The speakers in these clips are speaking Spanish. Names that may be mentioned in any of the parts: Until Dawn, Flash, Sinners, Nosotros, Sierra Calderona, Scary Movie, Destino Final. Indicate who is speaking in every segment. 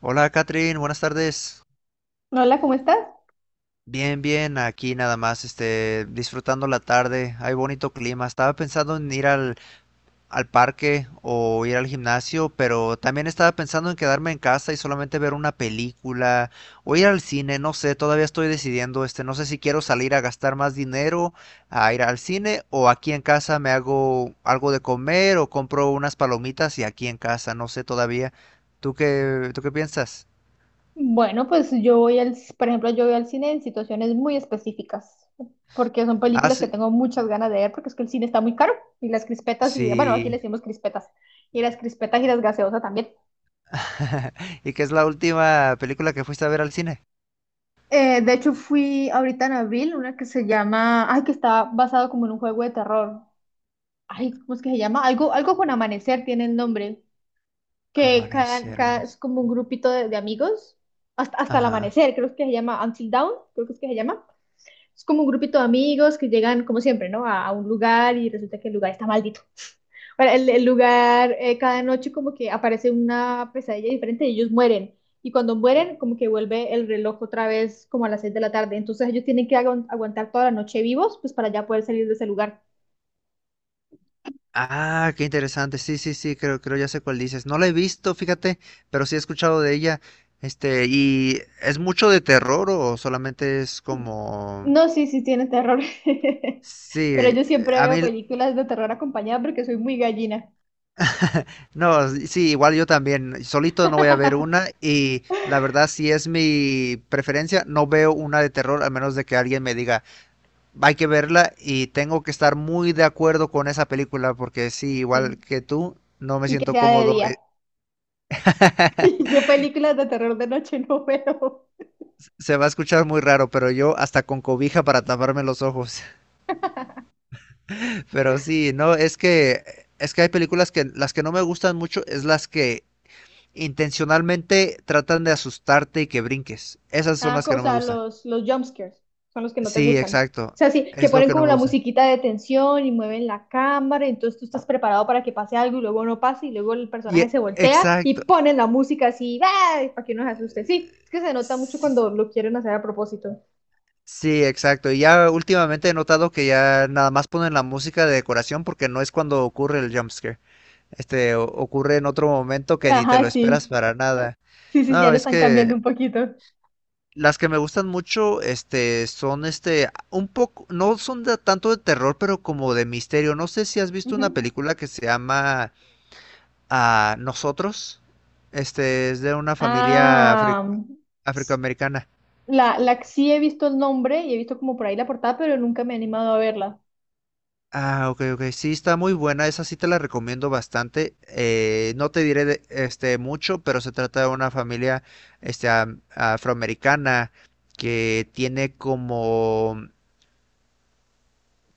Speaker 1: Hola, Catherine, buenas tardes.
Speaker 2: Hola, ¿cómo estás?
Speaker 1: Bien, bien, aquí nada más, disfrutando la tarde. Hay bonito clima. Estaba pensando en ir al parque o ir al gimnasio, pero también estaba pensando en quedarme en casa y solamente ver una película o ir al cine. No sé, todavía estoy decidiendo, no sé si quiero salir a gastar más dinero a ir al cine o aquí en casa me hago algo de comer o compro unas palomitas y aquí en casa, no sé todavía. ¿Tú qué piensas?
Speaker 2: Bueno, pues yo voy por ejemplo, yo voy al cine en situaciones muy específicas, porque son
Speaker 1: Ah,
Speaker 2: películas que
Speaker 1: sí.
Speaker 2: tengo muchas ganas de ver, porque es que el cine está muy caro, y las crispetas, y bueno, aquí le
Speaker 1: Sí.
Speaker 2: decimos crispetas y las gaseosas también.
Speaker 1: ¿Y qué es la última película que fuiste a ver al cine?
Speaker 2: De hecho, fui ahorita en abril, una que se llama, ay, que está basado como en un juego de terror. Ay, ¿cómo es que se llama? Algo con amanecer tiene el nombre, que
Speaker 1: Amanecer,
Speaker 2: es
Speaker 1: amanecer.
Speaker 2: como un grupito de amigos, hasta el
Speaker 1: Ajá.
Speaker 2: amanecer, creo que se llama Until Dawn, creo que es que se llama. Es como un grupito de amigos que llegan, como siempre, ¿no? A un lugar y resulta que el lugar está maldito. Bueno, el lugar, cada noche como que aparece una pesadilla diferente y ellos mueren. Y cuando mueren, como que vuelve el reloj otra vez como a las 6 de la tarde. Entonces ellos tienen que aguantar toda la noche vivos, pues para ya poder salir de ese lugar.
Speaker 1: Ah, qué interesante. Sí, sí, sí, creo ya sé cuál dices. No la he visto, fíjate, pero sí he escuchado de ella. Este, ¿y es mucho de terror o solamente es como...
Speaker 2: No, sí, sí, tiene terror.
Speaker 1: Sí,
Speaker 2: Pero yo siempre
Speaker 1: a
Speaker 2: veo
Speaker 1: mí...
Speaker 2: películas de terror acompañada porque soy muy gallina.
Speaker 1: No, sí, igual yo también. Solito no voy a ver una y la verdad si es mi preferencia, no veo una de terror a menos de que alguien me diga, hay que verla y tengo que estar muy de acuerdo con esa película porque sí, igual
Speaker 2: Sí.
Speaker 1: que tú, no me
Speaker 2: Y que
Speaker 1: siento
Speaker 2: sea de
Speaker 1: cómodo.
Speaker 2: día. Yo películas de terror de noche no veo.
Speaker 1: Se va a escuchar muy raro, pero yo hasta con cobija para taparme los ojos. Pero sí, no, es que hay películas que las que no me gustan mucho es las que intencionalmente tratan de asustarte y que brinques. Esas son
Speaker 2: Ah,
Speaker 1: las que
Speaker 2: o
Speaker 1: no me
Speaker 2: sea,
Speaker 1: gustan.
Speaker 2: los jumpscares son los que no te
Speaker 1: Sí,
Speaker 2: gustan. O
Speaker 1: exacto.
Speaker 2: sea, sí, que
Speaker 1: Es lo
Speaker 2: ponen
Speaker 1: que no
Speaker 2: como
Speaker 1: me
Speaker 2: la
Speaker 1: gusta.
Speaker 2: musiquita de tensión y mueven la cámara, entonces tú estás preparado para que pase algo y luego no pasa y luego el
Speaker 1: Y
Speaker 2: personaje se voltea
Speaker 1: exacto.
Speaker 2: y ponen la música así, ¡ay! Para que uno se asuste. Sí, es que se nota mucho
Speaker 1: Sí,
Speaker 2: cuando lo quieren hacer a propósito.
Speaker 1: sí, exacto. Y ya últimamente he notado que ya nada más ponen la música de decoración porque no es cuando ocurre el jumpscare. Este ocurre en otro momento que ni te
Speaker 2: Ajá,
Speaker 1: lo esperas
Speaker 2: sí.
Speaker 1: para nada.
Speaker 2: Sí, sí, ya
Speaker 1: No,
Speaker 2: lo
Speaker 1: es
Speaker 2: están
Speaker 1: que
Speaker 2: cambiando un poquito.
Speaker 1: las que me gustan mucho, un poco, no son de, tanto de terror, pero como de misterio. No sé si has visto
Speaker 2: Ujú.
Speaker 1: una película que se llama Nosotros. Es de una familia
Speaker 2: Ah, s-
Speaker 1: afroamericana.
Speaker 2: la sí he visto el nombre y he visto como por ahí la portada, pero nunca me he animado a verla.
Speaker 1: Ah, ok, ok. Sí, está muy buena. Esa sí te la recomiendo bastante. No te diré mucho, pero se trata de una familia afroamericana que tiene como,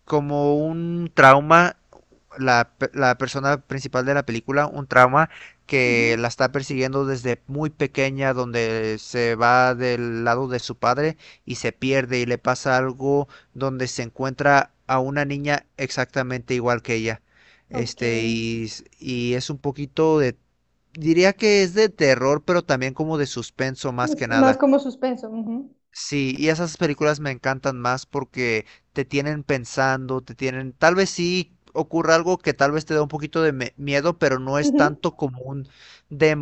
Speaker 1: como un trauma la persona principal de la película un trauma que la
Speaker 2: Ujú.
Speaker 1: está persiguiendo desde muy pequeña, donde se va del lado de su padre y se pierde y le pasa algo donde se encuentra a una niña exactamente igual que ella. Este,
Speaker 2: Ok.
Speaker 1: y, y es un poquito de, diría que es de terror, pero también como de suspenso más que
Speaker 2: Es más
Speaker 1: nada.
Speaker 2: como suspenso. Ujú,
Speaker 1: Sí, y esas películas me encantan más porque te tienen pensando, te tienen, tal vez sí ocurra algo que tal vez te da un poquito de miedo, pero no es
Speaker 2: ujú.
Speaker 1: tanto como un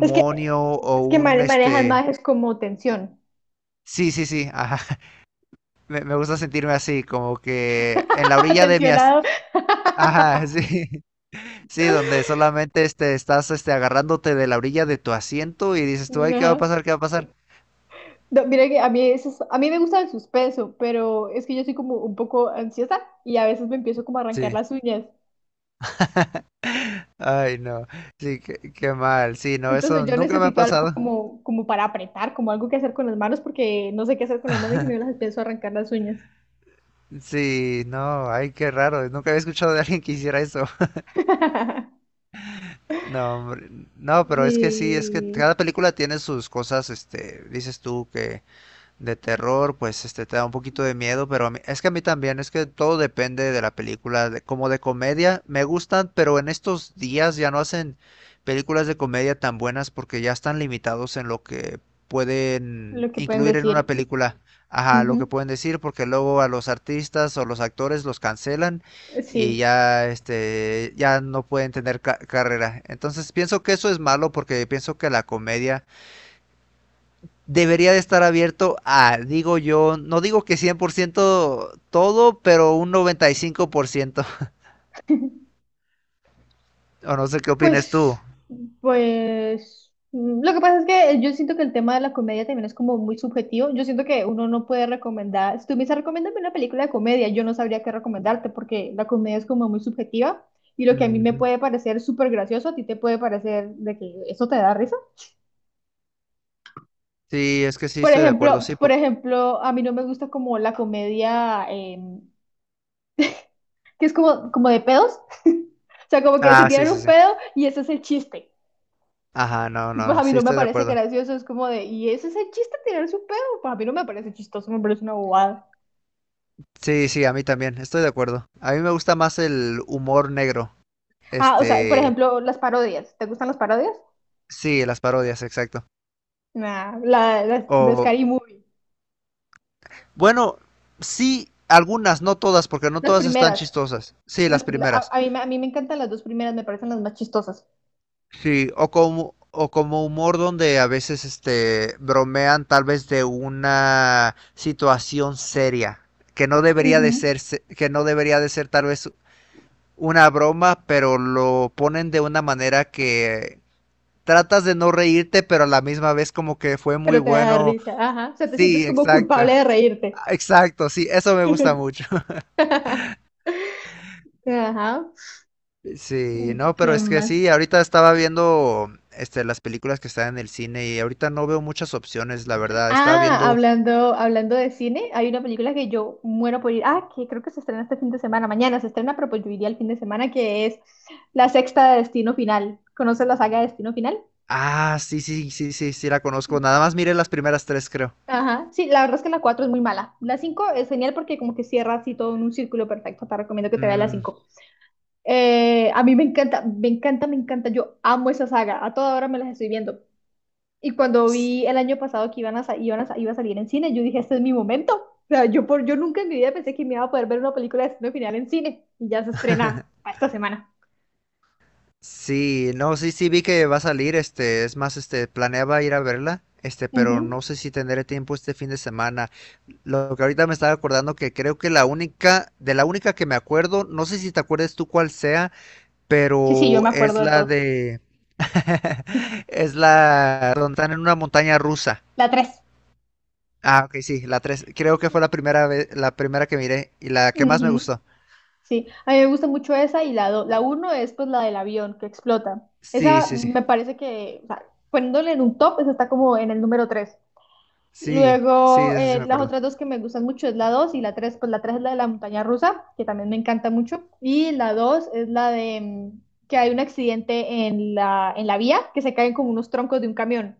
Speaker 2: Es que,
Speaker 1: o
Speaker 2: es que
Speaker 1: un
Speaker 2: manejas
Speaker 1: este.
Speaker 2: más es como tensión.
Speaker 1: Sí, sí, sí, ajá. Me gusta sentirme así, como que en la orilla de mi as-
Speaker 2: Tensionado.
Speaker 1: ajá, sí. Sí, donde solamente estás agarrándote de la orilla de tu asiento y dices tú, ay, ¿qué va a
Speaker 2: No.
Speaker 1: pasar? ¿Qué va a pasar?
Speaker 2: No, mira que a mí, a mí me gusta el suspenso, pero es que yo soy como un poco ansiosa y a veces me empiezo como a arrancar
Speaker 1: Sí.
Speaker 2: las uñas.
Speaker 1: Ay, no. Sí, qué, qué mal. Sí, no,
Speaker 2: Entonces
Speaker 1: eso
Speaker 2: yo
Speaker 1: nunca me ha
Speaker 2: necesito algo
Speaker 1: pasado.
Speaker 2: como para apretar, como algo que hacer con las manos, porque no sé qué hacer con las manos y me las empiezo a arrancar las uñas.
Speaker 1: Sí, no, ay, qué raro, nunca había escuchado de alguien que hiciera eso. No, hombre, no, pero es que sí, es que
Speaker 2: Y
Speaker 1: cada película tiene sus cosas, dices tú que de terror, pues te da un poquito de miedo, pero a mí- es que a mí también, es que todo depende de la película, de- como de comedia, me gustan, pero en estos días ya no hacen películas de comedia tan buenas porque ya están limitados en lo que pueden
Speaker 2: lo que pueden
Speaker 1: incluir en una
Speaker 2: decir.
Speaker 1: película, ajá, lo que
Speaker 2: Ujú,
Speaker 1: pueden decir, porque luego a los artistas o los actores los cancelan y
Speaker 2: sí.
Speaker 1: ya ya no pueden tener carrera. Entonces pienso que eso es malo porque pienso que la comedia debería de estar abierto a, digo yo, no digo que 100% todo, pero un noventa y cinco por ciento. O no sé qué opinas tú.
Speaker 2: Pues, pues, lo que pasa es que yo siento que el tema de la comedia también es como muy subjetivo. Yo siento que uno no puede recomendar, si tú me dices, recomiéndame una película de comedia, yo no sabría qué recomendarte porque la comedia es como muy subjetiva y lo que a mí me
Speaker 1: Ujú.
Speaker 2: puede parecer súper gracioso, a ti te puede parecer de que eso te da risa.
Speaker 1: Sí, es que sí,
Speaker 2: Por
Speaker 1: estoy de acuerdo,
Speaker 2: ejemplo,
Speaker 1: sí.
Speaker 2: por
Speaker 1: Por...
Speaker 2: ejemplo, a mí no me gusta como la comedia, que es como de pedos, o sea, como que se
Speaker 1: Ah, sí,
Speaker 2: tiran
Speaker 1: sí,
Speaker 2: un
Speaker 1: sí.
Speaker 2: pedo y ese es el chiste.
Speaker 1: Ajá, no,
Speaker 2: Y pues
Speaker 1: no,
Speaker 2: a mí
Speaker 1: sí,
Speaker 2: no me
Speaker 1: estoy de
Speaker 2: parece
Speaker 1: acuerdo.
Speaker 2: gracioso, es como de, ¿y ese es el chiste, tirar su pedo? Pues a mí no me parece chistoso, me parece una bobada.
Speaker 1: Sí, sí, a mí también, estoy de acuerdo. A mí me gusta más el humor negro.
Speaker 2: Ah, o sea, por
Speaker 1: Este,
Speaker 2: ejemplo, las parodias. ¿Te gustan las parodias?
Speaker 1: sí, las parodias, exacto.
Speaker 2: Nah, las de
Speaker 1: O,
Speaker 2: Scary Movie.
Speaker 1: bueno, sí, algunas, no todas, porque no
Speaker 2: Las
Speaker 1: todas están
Speaker 2: primeras.
Speaker 1: chistosas. Sí,
Speaker 2: Las,
Speaker 1: las
Speaker 2: pri-
Speaker 1: primeras.
Speaker 2: a mí, me- A mí me encantan las dos primeras, me parecen las más chistosas.
Speaker 1: Sí, o como humor donde a veces bromean tal vez de una situación seria, que no debería
Speaker 2: Ujú.
Speaker 1: de ser, que no debería de ser tal vez una broma, pero lo ponen de una manera que tratas de no reírte, pero a la misma vez como que fue muy
Speaker 2: Pero te da
Speaker 1: bueno.
Speaker 2: risa, ajá. O sea, te sientes
Speaker 1: Sí,
Speaker 2: como
Speaker 1: exacto.
Speaker 2: culpable de reírte.
Speaker 1: Exacto, sí, eso me gusta mucho.
Speaker 2: Ajá.
Speaker 1: Sí, no, pero
Speaker 2: ¿Qué
Speaker 1: es que
Speaker 2: más?
Speaker 1: sí, ahorita estaba viendo las películas que están en el cine y ahorita no veo muchas opciones, la verdad. Estaba
Speaker 2: Ah,
Speaker 1: viendo,
Speaker 2: hablando de cine, hay una película que yo muero por ir. Ah, que creo que se estrena este fin de semana. Mañana se estrena, pero pues yo iría el fin de semana, que es la sexta de Destino Final. ¿Conoces la saga de Destino Final?
Speaker 1: ah, sí, sí, sí, sí, sí la conozco. Nada más miré las primeras tres, creo.
Speaker 2: Ajá. Sí, la verdad es que la 4 es muy mala. La 5 es genial porque como que cierra así todo en un círculo perfecto. Te recomiendo que te veas la
Speaker 1: Mm,
Speaker 2: 5. A mí me encanta, me encanta, me encanta. Yo amo esa saga. A toda hora me las estoy viendo. Y cuando
Speaker 1: s-
Speaker 2: vi el año pasado que iba a salir en cine, yo dije, este es mi momento. O sea, yo nunca en mi vida pensé que me iba a poder ver una película de destino final en cine. Y ya se estrena para esta semana.
Speaker 1: Sí, no, sí, sí vi que va a salir, es más, planeaba ir a verla, pero
Speaker 2: Ujú.
Speaker 1: no sé si tendré tiempo este fin de semana. Lo que ahorita me estaba acordando que creo que la única, de la única que me acuerdo, no sé si te acuerdes tú cuál sea,
Speaker 2: Sí, sí, yo
Speaker 1: pero
Speaker 2: me acuerdo
Speaker 1: es
Speaker 2: de
Speaker 1: la
Speaker 2: todo.
Speaker 1: de... Es la donde están en una montaña rusa.
Speaker 2: La 3.
Speaker 1: Ah, ok, sí, la tres. Creo que fue la primera vez, la primera que miré y la que más me gustó.
Speaker 2: Sí, a mí me gusta mucho esa y la uno es pues la del avión que explota.
Speaker 1: Sí,
Speaker 2: Esa
Speaker 1: sí, sí.
Speaker 2: me parece que, o sea, poniéndole en un top, esa está como en el número tres.
Speaker 1: Sí, sí,
Speaker 2: Luego,
Speaker 1: de esa sí me
Speaker 2: las
Speaker 1: acuerdo.
Speaker 2: otras dos que me gustan mucho es la 2 y la tres. Pues la 3 es la de la montaña rusa, que también me encanta mucho. Y la 2 es la de que hay un accidente en la vía, que se caen como unos troncos de un camión.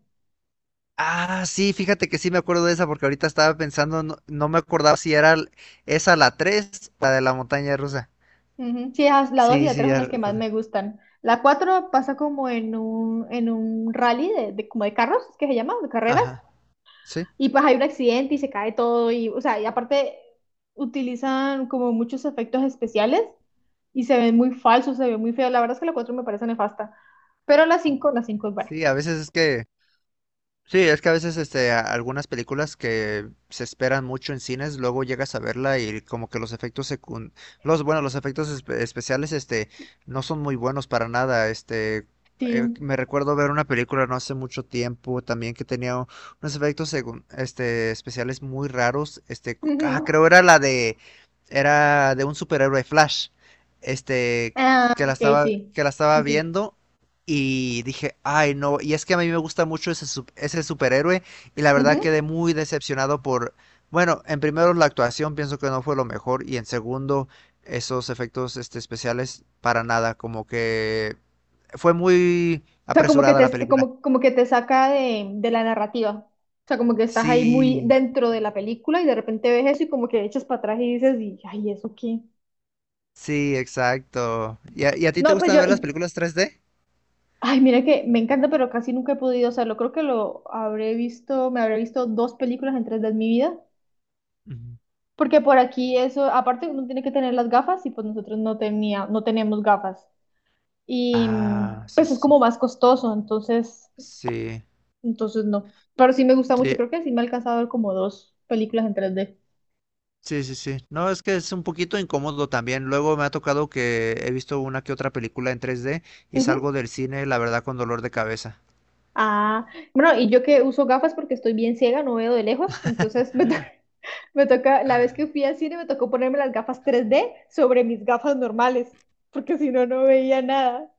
Speaker 1: Ah, sí, fíjate que sí me acuerdo de esa porque ahorita estaba pensando, no, no me acordaba si era esa la 3 la de la montaña rusa.
Speaker 2: Ujú. Sí, la 2 y
Speaker 1: Sí,
Speaker 2: la
Speaker 1: sí,
Speaker 2: 3 son
Speaker 1: ya
Speaker 2: las que más
Speaker 1: recuerdo.
Speaker 2: me gustan. La 4 pasa como en un rally como de carros, ¿es que se llama, de carreras.
Speaker 1: Ajá. Sí,
Speaker 2: Y pues hay un accidente y se cae todo. Y, o sea, y aparte utilizan como muchos efectos especiales y se ven muy falsos, se ven muy feos. La verdad es que la 4 me parece nefasta, pero la cinco es buena.
Speaker 1: sí, a veces es que sí, es que a veces algunas películas que se esperan mucho en cines, luego llegas a verla y como que los efectos los efectos especiales no son muy buenos para nada,
Speaker 2: Sí.
Speaker 1: me recuerdo ver una película no hace mucho tiempo también que tenía unos efectos especiales muy raros,
Speaker 2: Ujú.
Speaker 1: creo era la de era de un superhéroe Flash. Este
Speaker 2: Ah,
Speaker 1: que la
Speaker 2: ok,
Speaker 1: estaba
Speaker 2: sí.
Speaker 1: que la
Speaker 2: Sí,
Speaker 1: estaba
Speaker 2: sí.
Speaker 1: viendo y dije, ay, no. Y es que a mí me gusta mucho ese, ese superhéroe. Y la
Speaker 2: Ujú.
Speaker 1: verdad
Speaker 2: O
Speaker 1: quedé muy decepcionado por. Bueno, en primero, la actuación pienso que no fue lo mejor. Y en segundo, esos efectos especiales para nada. Como que fue muy
Speaker 2: sea,
Speaker 1: apresurada la película.
Speaker 2: como que te saca de la narrativa. O sea, como que estás ahí muy
Speaker 1: Sí,
Speaker 2: dentro de la película y de repente ves eso y como que echas para atrás y dices, y, ay, ¿eso qué?
Speaker 1: sí, exacto. ¿Y a ti te
Speaker 2: No, pues
Speaker 1: gustan
Speaker 2: yo,
Speaker 1: ver las películas 3D?
Speaker 2: ay, mira que me encanta, pero casi nunca he podido hacerlo. Creo que lo habré visto, me habré visto dos películas en tres de mi vida.
Speaker 1: Ujú.
Speaker 2: Porque por aquí eso, aparte uno tiene que tener las gafas y pues nosotros no tenía, no tenemos gafas. Y
Speaker 1: Ah, sí,
Speaker 2: pues es
Speaker 1: sí, sí.
Speaker 2: como más costoso, entonces,
Speaker 1: Sí.
Speaker 2: entonces no. Pero sí me gusta mucho,
Speaker 1: Sí,
Speaker 2: creo que sí me ha alcanzado a ver como dos películas en 3D.
Speaker 1: sí, sí, sí. No, es que es un poquito incómodo también. Luego me ha tocado que he visto una que otra película en 3D y
Speaker 2: Ujú.
Speaker 1: salgo del cine, la verdad, con dolor de cabeza.
Speaker 2: Ah, bueno, y yo que uso gafas porque estoy bien ciega, no veo de lejos, entonces me toca, la vez que fui al cine me tocó ponerme las gafas 3D sobre mis gafas normales, porque si no, no veía nada.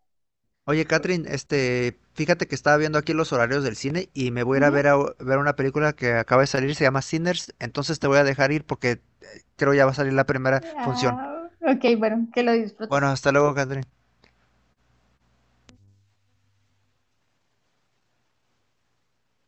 Speaker 1: Oye, Catherine, fíjate que estaba viendo aquí los horarios del cine y me voy a
Speaker 2: Ujú.
Speaker 1: a ver una película que acaba de salir, se llama Sinners, entonces te voy a dejar ir porque creo ya va a salir la primera función.
Speaker 2: Ah, ok, bueno, que lo
Speaker 1: Bueno,
Speaker 2: disfrutes.
Speaker 1: hasta luego, Catherine.